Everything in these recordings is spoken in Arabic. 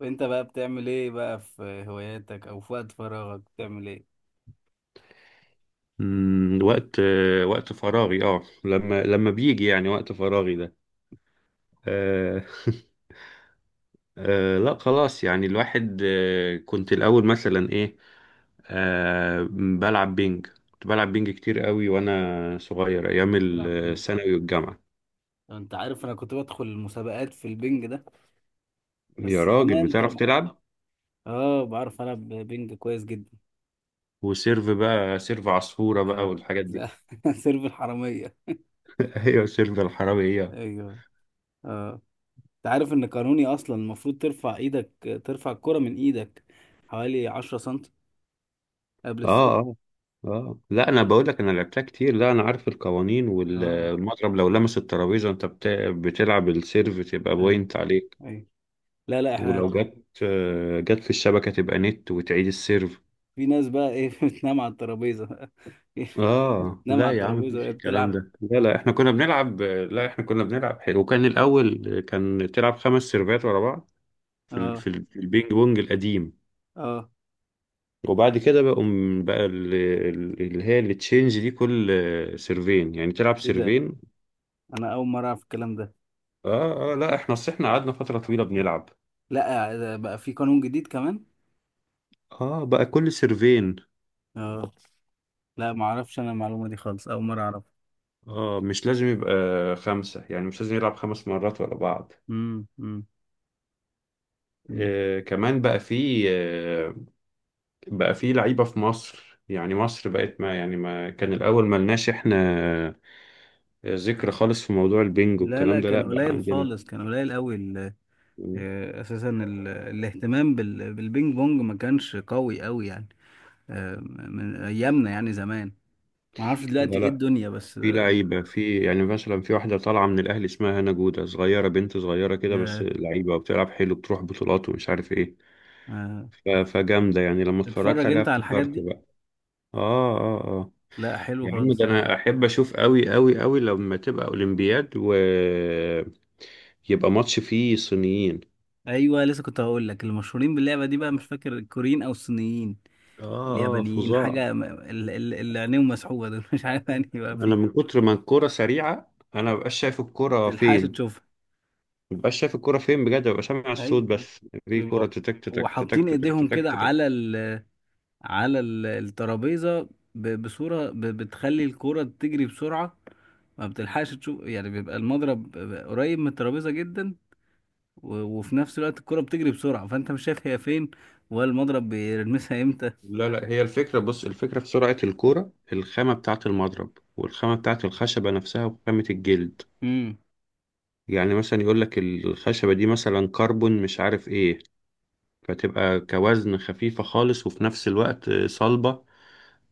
وانت بقى بتعمل ايه بقى في هواياتك او في وقت فراغك بتعمل ايه؟ وقت فراغي لما بيجي يعني وقت فراغي ده. آه. لا، خلاص، يعني الواحد كنت الأول مثلا ايه. بلعب بينج. كنت بلعب بينج كتير قوي وانا صغير، ايام تلعب ايه؟ الثانوي والجامعة. لو انت عارف، انا كنت بدخل المسابقات في البنج ده، يا بس راجل، زمان بتعرف طبعا. تلعب؟ اه، بعرف العب بنج كويس جدا. وسيرف بقى، سيرف عصفورة بقى، اه، والحاجات دي. لا. سيرف الحرامية. ايوه، سيرف الحرامي هي. ايوه. اه. انت عارف ان قانوني اصلا المفروض ترفع ايدك، ترفع الكرة من ايدك حوالي 10 سنتي قبل اه، السيرف. اه، اه، لا، انا بقول لك، انا لعبتها كتير. لا، انا عارف القوانين، اه. والمضرب لو لمس الترابيزه انت بتلعب السيرف تبقى ايوه. بوينت عليك. ايوه. لا لا، احنا ولو جت في الشبكه تبقى نت، وتعيد السيرف. في ناس بقى ايه بتنام على الترابيزة اه، بتنام لا على يا عم، الترابيزة مفيش وهي الكلام بتلعب. ده. لا، لا، احنا كنا بنلعب، لا احنا كنا بنلعب حلو، وكان الاول كان تلعب 5 سيرفات ورا بعض. في ال... اه. في, ال... في البينج بونج القديم. اه. وبعد كده بقى اللي هي التشينج دي، كل سيرفين، يعني تلعب ايه ده؟ سيرفين. انا اول مره اعرف الكلام ده. اه، اه، لا، اصل احنا قعدنا فترة طويلة بنلعب. لا ده بقى في قانون جديد كمان. اه، بقى كل سيرفين. اه. لا، ما اعرفش انا المعلومه دي خالص، اول مره اعرف. اه، مش لازم يبقى خمسة، يعني مش لازم يلعب 5 مرات ورا بعض. امم. امم. أمم. كمان بقى في لعيبة في مصر، يعني مصر بقت، ما يعني، ما كان الأول ما لناش احنا ذكر خالص في موضوع البنج لا لا، والكلام ده، كان لا بقى قليل عندنا. خالص، كان قليل قوي اساسا الاهتمام بالبينج بونج ما كانش قوي قوي يعني. من ايامنا يعني زمان. ما اعرفش دلوقتي لا، ايه لا، الدنيا، بس في لعيبة، في يعني مثلا في واحدة طالعة من الأهلي اسمها هنا جودة، صغيرة، بنت صغيرة كده بس يا- لعيبة، وبتلعب حلو، بتروح بطولات ومش عارف ايه. آه، فجامدة يعني، لما اتفرجت تتفرج عليها انت على الحاجات افتكرت دي؟ بقى. اه، اه، اه، لا حلو يا عم، ده خالص، حلو. انا احب اشوف قوي قوي قوي لما تبقى اولمبياد، و يبقى ماتش فيه صينيين. ايوه، لسه كنت هقول لك المشهورين باللعبه دي، بقى مش فاكر الكوريين او الصينيين اه، اه، اليابانيين فظاع. حاجة اللي عينيهم مسحوبة دول مش عارف يعني بقى انا من فيه. كتر ما الكرة سريعة، انا مبقاش شايف الكرة متلحقش فين. تشوفها. مبقاش شايف الكرة فين بجد، ببقى سامع أيوة، الصوت أيوة. بس. في بيبقوا كرة تتك تتك تتك وحاطين تتك إيديهم تتك كده تتك. على ال، على الترابيزة، بصورة بتخلي الكرة تجري بسرعة. ما بتلحقش تشوف يعني، بيبقى المضرب قريب من الترابيزة جدا، وفي نفس الوقت الكرة بتجري بسرعة فأنت مش شايف هي فين ولا المضرب بيرمسها إمتى. لا، لا، هي الفكرة، بص، الفكرة في سرعة الكرة، الخامة بتاعة المضرب، والخامة بتاعة الخشبة نفسها، وخامة الجلد. امم. يعني مثلا يقول لك الخشبة دي مثلا كربون، مش عارف ايه، فتبقى كوزن خفيفة خالص وفي نفس الوقت صلبة،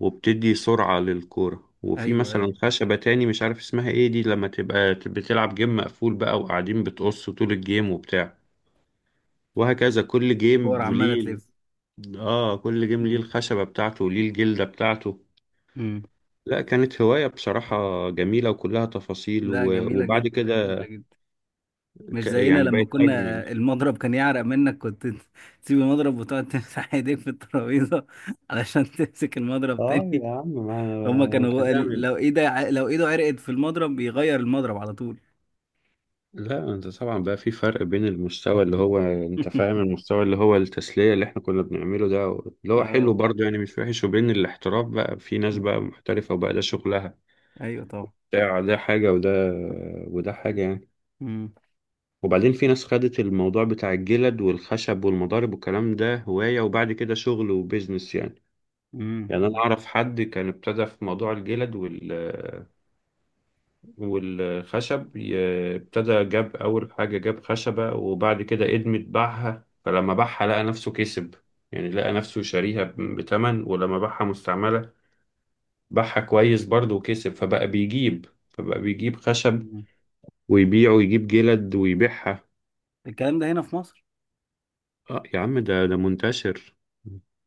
وبتدي سرعة للكورة. وفي أيوه، أيوه. مثلا خشبة تاني مش عارف اسمها ايه، دي لما تبقى بتلعب جيم مقفول بقى وقاعدين بتقص طول الجيم وبتاع، وهكذا. كل جيم الكورة عمالة ليه، تلف. اه، كل جيم ليه امم. الخشبة بتاعته وليه الجلدة بتاعته. امم. لا، كانت هواية بصراحة جميلة، وكلها تفاصيل لا، و... جميلة وبعد جدا، جميلة كده، جدا. مش زينا يعني لما بقت كنا، أجمل. المضرب كان يعرق منك، كنت تسيب المضرب وتقعد تمسح ايديك في الترابيزة علشان تمسك المضرب اه، تاني. يا عم، ما هما انت كانوا هتعمل. لو ايده عرقت في المضرب بيغير المضرب على طول. لا انت طبعا بقى في فرق بين المستوى، اللي هو انت فاهم، المستوى اللي هو التسلية اللي احنا كنا بنعمله ده، اللي هو اه. حلو برضه يعني مش وحش، وبين الاحتراف بقى، في ناس بقى محترفة وبقى ده شغلها. ايوه طبعا. ده حاجة، وده، وده حاجة يعني. مم. وبعدين في ناس خدت الموضوع بتاع الجلد والخشب والمضارب والكلام ده هواية، وبعد كده شغل وبيزنس يعني. يعني انا مم. اعرف حد كان ابتدى في موضوع الجلد والخشب، ابتدى جاب أول حاجة، جاب خشبة، وبعد كده إدمت باعها، فلما باعها لقى نفسه كسب، يعني لقى نفسه شاريها بتمن، ولما باعها مستعملة باعها كويس برضه وكسب، فبقى بيجيب خشب مم. ويبيعه، ويجيب جلد ويبيعها. الكلام ده هنا في مصر؟ اه، يا عم، ده منتشر.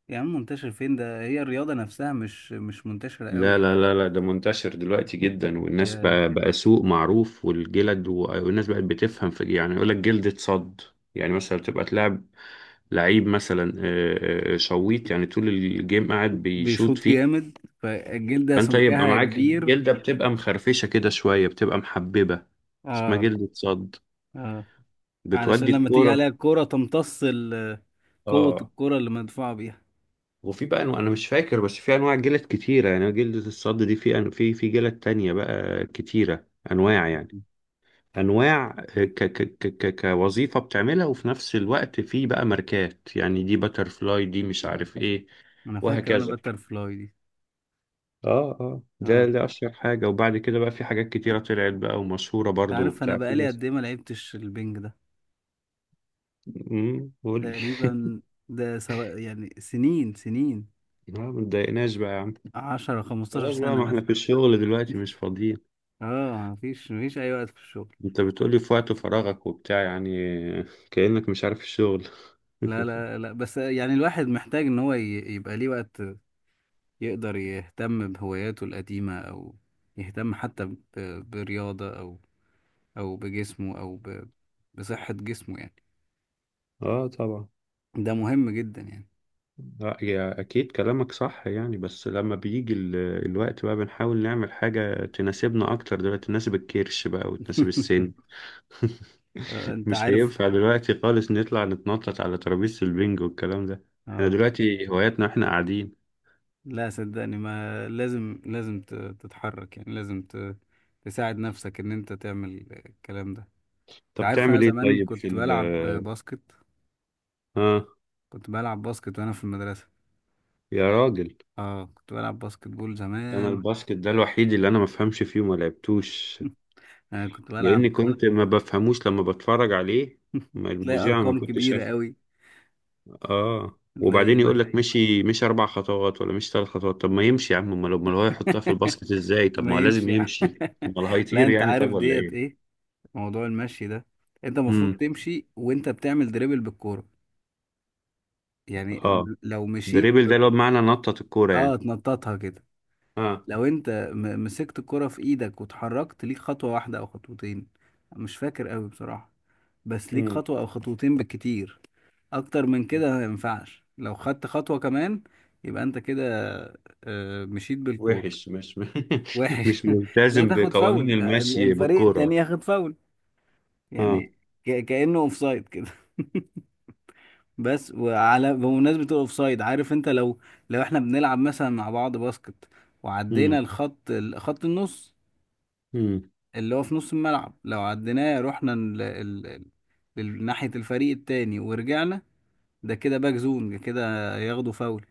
يا عم منتشر فين ده، هي الرياضة نفسها مش منتشرة لا، قوي. لا، لا، لا، ده منتشر دلوقتي جدا، والناس يا بقى، سوق معروف، والجلد والناس بقت بتفهم في، يعني يقول لك جلد اتصد. يعني مثلا تبقى تلعب لعيب مثلا، شويط، يعني طول الجيم قاعد بيشوط بيشوط فيه، جامد فالجلدة فانت يبقى سمكها معاك كبير. الجلده بتبقى مخرفشه كده شويه، بتبقى محببه، اسمها اه. جلده صد، اه. علشان بتودي لما تيجي عليها الكوره. الكورة تمتص قوة اه. الكورة اللي مدفوعة بيها. وفي بقى انواع، انا مش فاكر، بس في انواع جلد كتيره، يعني جلده الصد دي، في في جلد تانية بقى كتيره، انواع يعني، انواع. كوظيفه بتعملها، وفي نفس الوقت في بقى ماركات، يعني دي باترفلاي، دي مش عارف ايه، انا فاكر انا وهكذا. باتر فلاي دي. اه، اه، ده اه. ده اشهر حاجه، وبعد كده بقى في حاجات كتيره طلعت بقى ومشهوره انت برضو عارف انا وبتاع، في بقالي ناس. قد ايه ما لعبتش البنج ده؟ قول لي. تقريبا، ده سواء يعني سنين سنين، ما تضايقناش بقى يا عم. 10 15 خلاص بقى، سنة ما احنا مثلا. في الشغل دلوقتي مش فاضيين. اه، مفيش، اي وقت في الشغل. انت بتقولي في وقت فراغك وبتاع يعني، كأنك مش عارف الشغل. لا لا لا، بس يعني الواحد محتاج ان هو يبقى ليه وقت، يقدر يهتم بهواياته القديمة، او يهتم حتى برياضة، او او بجسمه، او بصحة جسمه يعني. اه، طبعا. ده مهم جدا يعني. لا يا، اكيد كلامك صح يعني، بس لما بيجي الوقت بقى، بنحاول نعمل حاجه تناسبنا اكتر دلوقتي، تناسب الكرش بقى وتناسب السن. انت مش عارف. هينفع دلوقتي خالص نطلع نتنطط على ترابيزة البنج والكلام ده. احنا اه. دلوقتي هواياتنا احنا قاعدين. لا صدقني، ما لازم لازم تتحرك يعني، لازم تساعد نفسك ان انت تعمل الكلام ده. انت طب عارف انا تعمل ايه زمان طيب، في كنت بلعب ال، باسكت، اه، كنت بلعب باسكت وانا في المدرسة. يا راجل، اه، كنت بلعب باسكت بول انا زمان. الباسكت ده الوحيد اللي انا ما بفهمش فيه وما لعبتوش، انا كنت لاني بلعب. كنت ما بفهموش لما بتفرج عليه. ما تلاقي المذيع ما ارقام كنتش كبيرة شاف. قوي. اه، تلاقي وبعدين يقول ما. لك مشي، مش 4 خطوات ولا مش 3 خطوات. طب ما يمشي يا عم، امال امال هو يحطها في الباسكت ازاي؟ طب ما هو ما يمشي لازم يعني. يمشي، امال لا هيطير انت يعني؟ طب، عارف ولا ديت ايه؟ ايه؟ موضوع المشي ده، انت المفروض امم. تمشي وانت بتعمل دريبل بالكورة يعني. اه. لو مشيت دريبل ده ب... اللي هو بمعنى نطط الكورة اه، يعني. تنططها كده. اه. لو انت مسكت الكرة في ايدك واتحركت ليك خطوة واحدة او خطوتين، مش فاكر قوي بصراحة، بس ليك مم. خطوة او خطوتين بالكتير. اكتر من كده ما ينفعش، لو خدت خطوة كمان يبقى انت كده مشيت بالكورة. وحش، مش وحش. مش لا، ملتزم تاخد بقوانين فاول، المشي الفريق التاني بالكورة. ياخد فاول اه. يعني. كأنه اوفسايد كده. بس وعلى بمناسبة الاوفسايد، عارف انت لو، احنا بنلعب مثلا مع بعض باسكت وعدينا مم. الخط خط النص مم. اللي هو في نص الملعب، لو عديناه رحنا ناحية الفريق التاني ورجعنا، ده كده باك زون، ده كده ياخدوا فاول.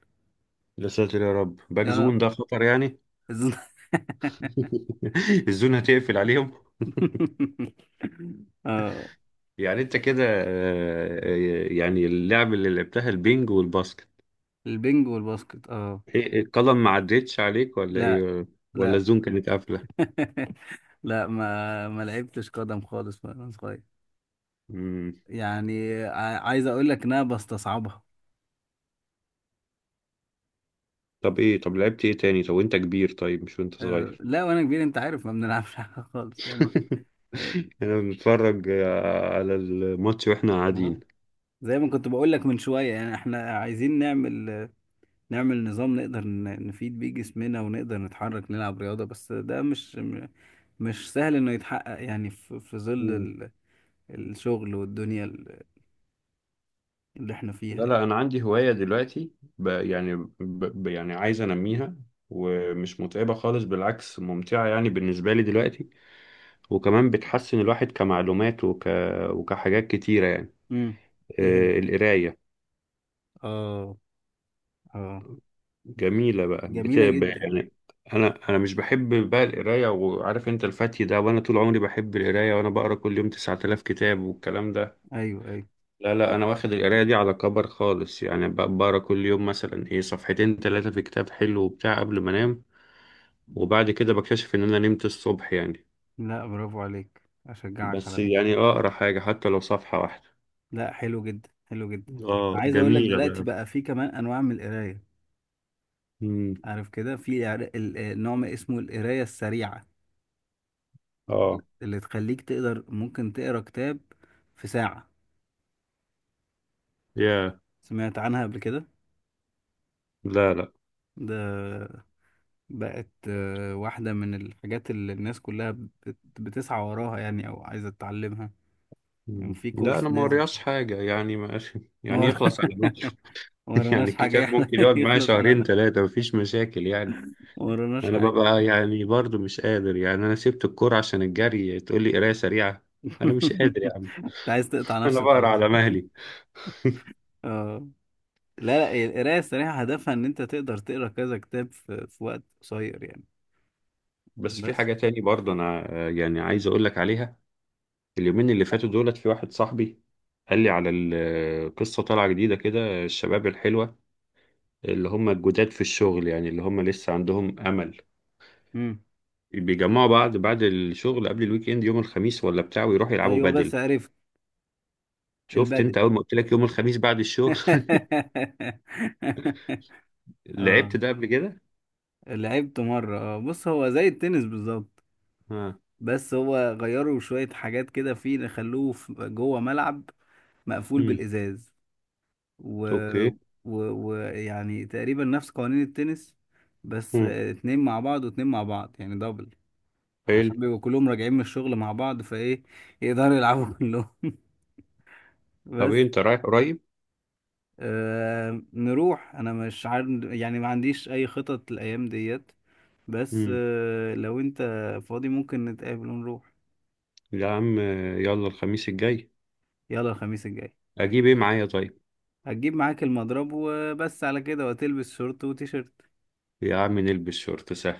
يا ساتر يا رب، باك اه. زون ده خطر يعني. الزون- الزون هتقفل عليهم. اه، يعني انت كده، يعني اللعب اللي لعبتها البينج والباسكت، البنج والباسكت اه. إيه، القلم ما عدتش عليك ولا لا. ايه؟ ولا لا. الزون كانت قافلة؟ لا، ما لعبتش قدم خالص وانا صغير، مم. يعني عايز اقول لك ان انا بستصعبها. طب ايه، طب لعبت ايه تاني، طب وانت كبير، طيب مش وانت صغير. لا، وانا كبير انت عارف ما بنلعبش حاجه خالص يعني. آه، احنا بنتفرج على الماتش واحنا آه. قاعدين. زي ما كنت بقول لك من شويه يعني احنا عايزين نعمل، نعمل نظام نقدر نفيد بيه جسمنا، ونقدر نتحرك نلعب رياضه. بس ده مش مش سهل انه يتحقق يعني، في ظل مم. الشغل والدنيا اللي احنا لا، فيها يعني. لا، انا عندي هواية دلوقتي، ب يعني ب يعني عايز انميها، ومش متعبة خالص، بالعكس ممتعة يعني بالنسبة لي دلوقتي، وكمان بتحسن الواحد كمعلومات وكحاجات كتيرة يعني. امم. ايه هي؟ القراية، اه. اه. جميلة بقى، جميله جدا. يعني. انا مش بحب بقى القراية، وعارف انت الفتي ده، وانا طول عمري بحب القراية، وانا بقرا كل يوم 9000 كتاب والكلام ده. ايوه، ايوه. لا، لا، انا واخد القرايه دي على كبر خالص يعني، بقرا كل يوم مثلا ايه، صفحتين ثلاثه في كتاب حلو وبتاع قبل ما انام، وبعد كده بكتشف ان انا نمت الصبح يعني. لا، برافو عليك، اشجعك على بس ده. يعني اقرا حاجه حتى لو صفحه واحده. لا حلو جدا، حلو جدا. اه، عايز اقول لك جميله دلوقتي بقى. بقى في كمان انواع من القرايه. مم. عارف كده في نوع ما اسمه القرايه السريعه، اه، اللي تخليك تقدر ممكن تقرا كتاب في ساعه. يا. سمعت عنها قبل كده؟ لا، لا. ده بقت واحده من الحاجات اللي الناس كلها بتسعى وراها يعني، او عايزه تتعلمها. كان مم. في لا، انا كورس ما نازل، قريتش حاجه يعني، ماشي ما يعني، ور- يخلص على ماشي. ما يعني وراناش حاجه الكتاب ممكن يقعد معايا يخلص على شهرين ما، ثلاثه، مفيش مشاكل يعني. ما وراناش انا حاجه. ببقى يعني برضو مش قادر يعني، انا سبت الكورة عشان الجري، تقول لي قراية سريعة؟ انا مش قادر يا عم. انت عايز تقطع انا نفسي بقرا وخلاص. على مهلي. اه. لا لا، هي القراية السريعة هدفها إن أنت تقدر تقرا كذا كتاب في، وقت قصير يعني. بس في بس. حاجة تاني برضو انا، يعني عايز اقول لك عليها. اليومين اللي فاتوا دولت في واحد صاحبي قال لي على قصة طالعة جديدة كده، الشباب الحلوة اللي هم الجداد في الشغل، يعني اللي هم لسه عندهم امل، مم. بيجمعوا بعض بعد الشغل قبل الويك اند يوم الخميس ولا بتاع، ويروحوا يلعبوا أيوه بس بدل. عرفت شفت البدل. انت اول ما قلت لك يوم الخميس بعد الشغل؟ لعبت اه، ده قبل كده. لعبت مرة. اه بص هو زي التنس بالظبط، اه. بس هو غيروا شوية حاجات كده، فيه، خلوه جوه ملعب مقفول بالإزاز، و، اوكي. يعني تقريبا نفس قوانين التنس، بس امم. اتنين مع بعض واتنين مع بعض، يعني دبل. حلو. عشان بيبقوا كلهم راجعين من الشغل مع بعض، فايه يقدروا يلعبوا كلهم. طب بس. ايه، انت رايح قريب؟ نروح، انا مش عارف يعني، ما عنديش اي خطط الايام ديت، بس امم. لو انت فاضي ممكن نتقابل ونروح. يا عم، يلا الخميس الجاي. يلا الخميس الجاي. اجيب ايه معايا طيب؟ هتجيب معاك المضرب وبس، على كده، وتلبس شورت وتيشيرت. يا عم، نلبس شورت سهل.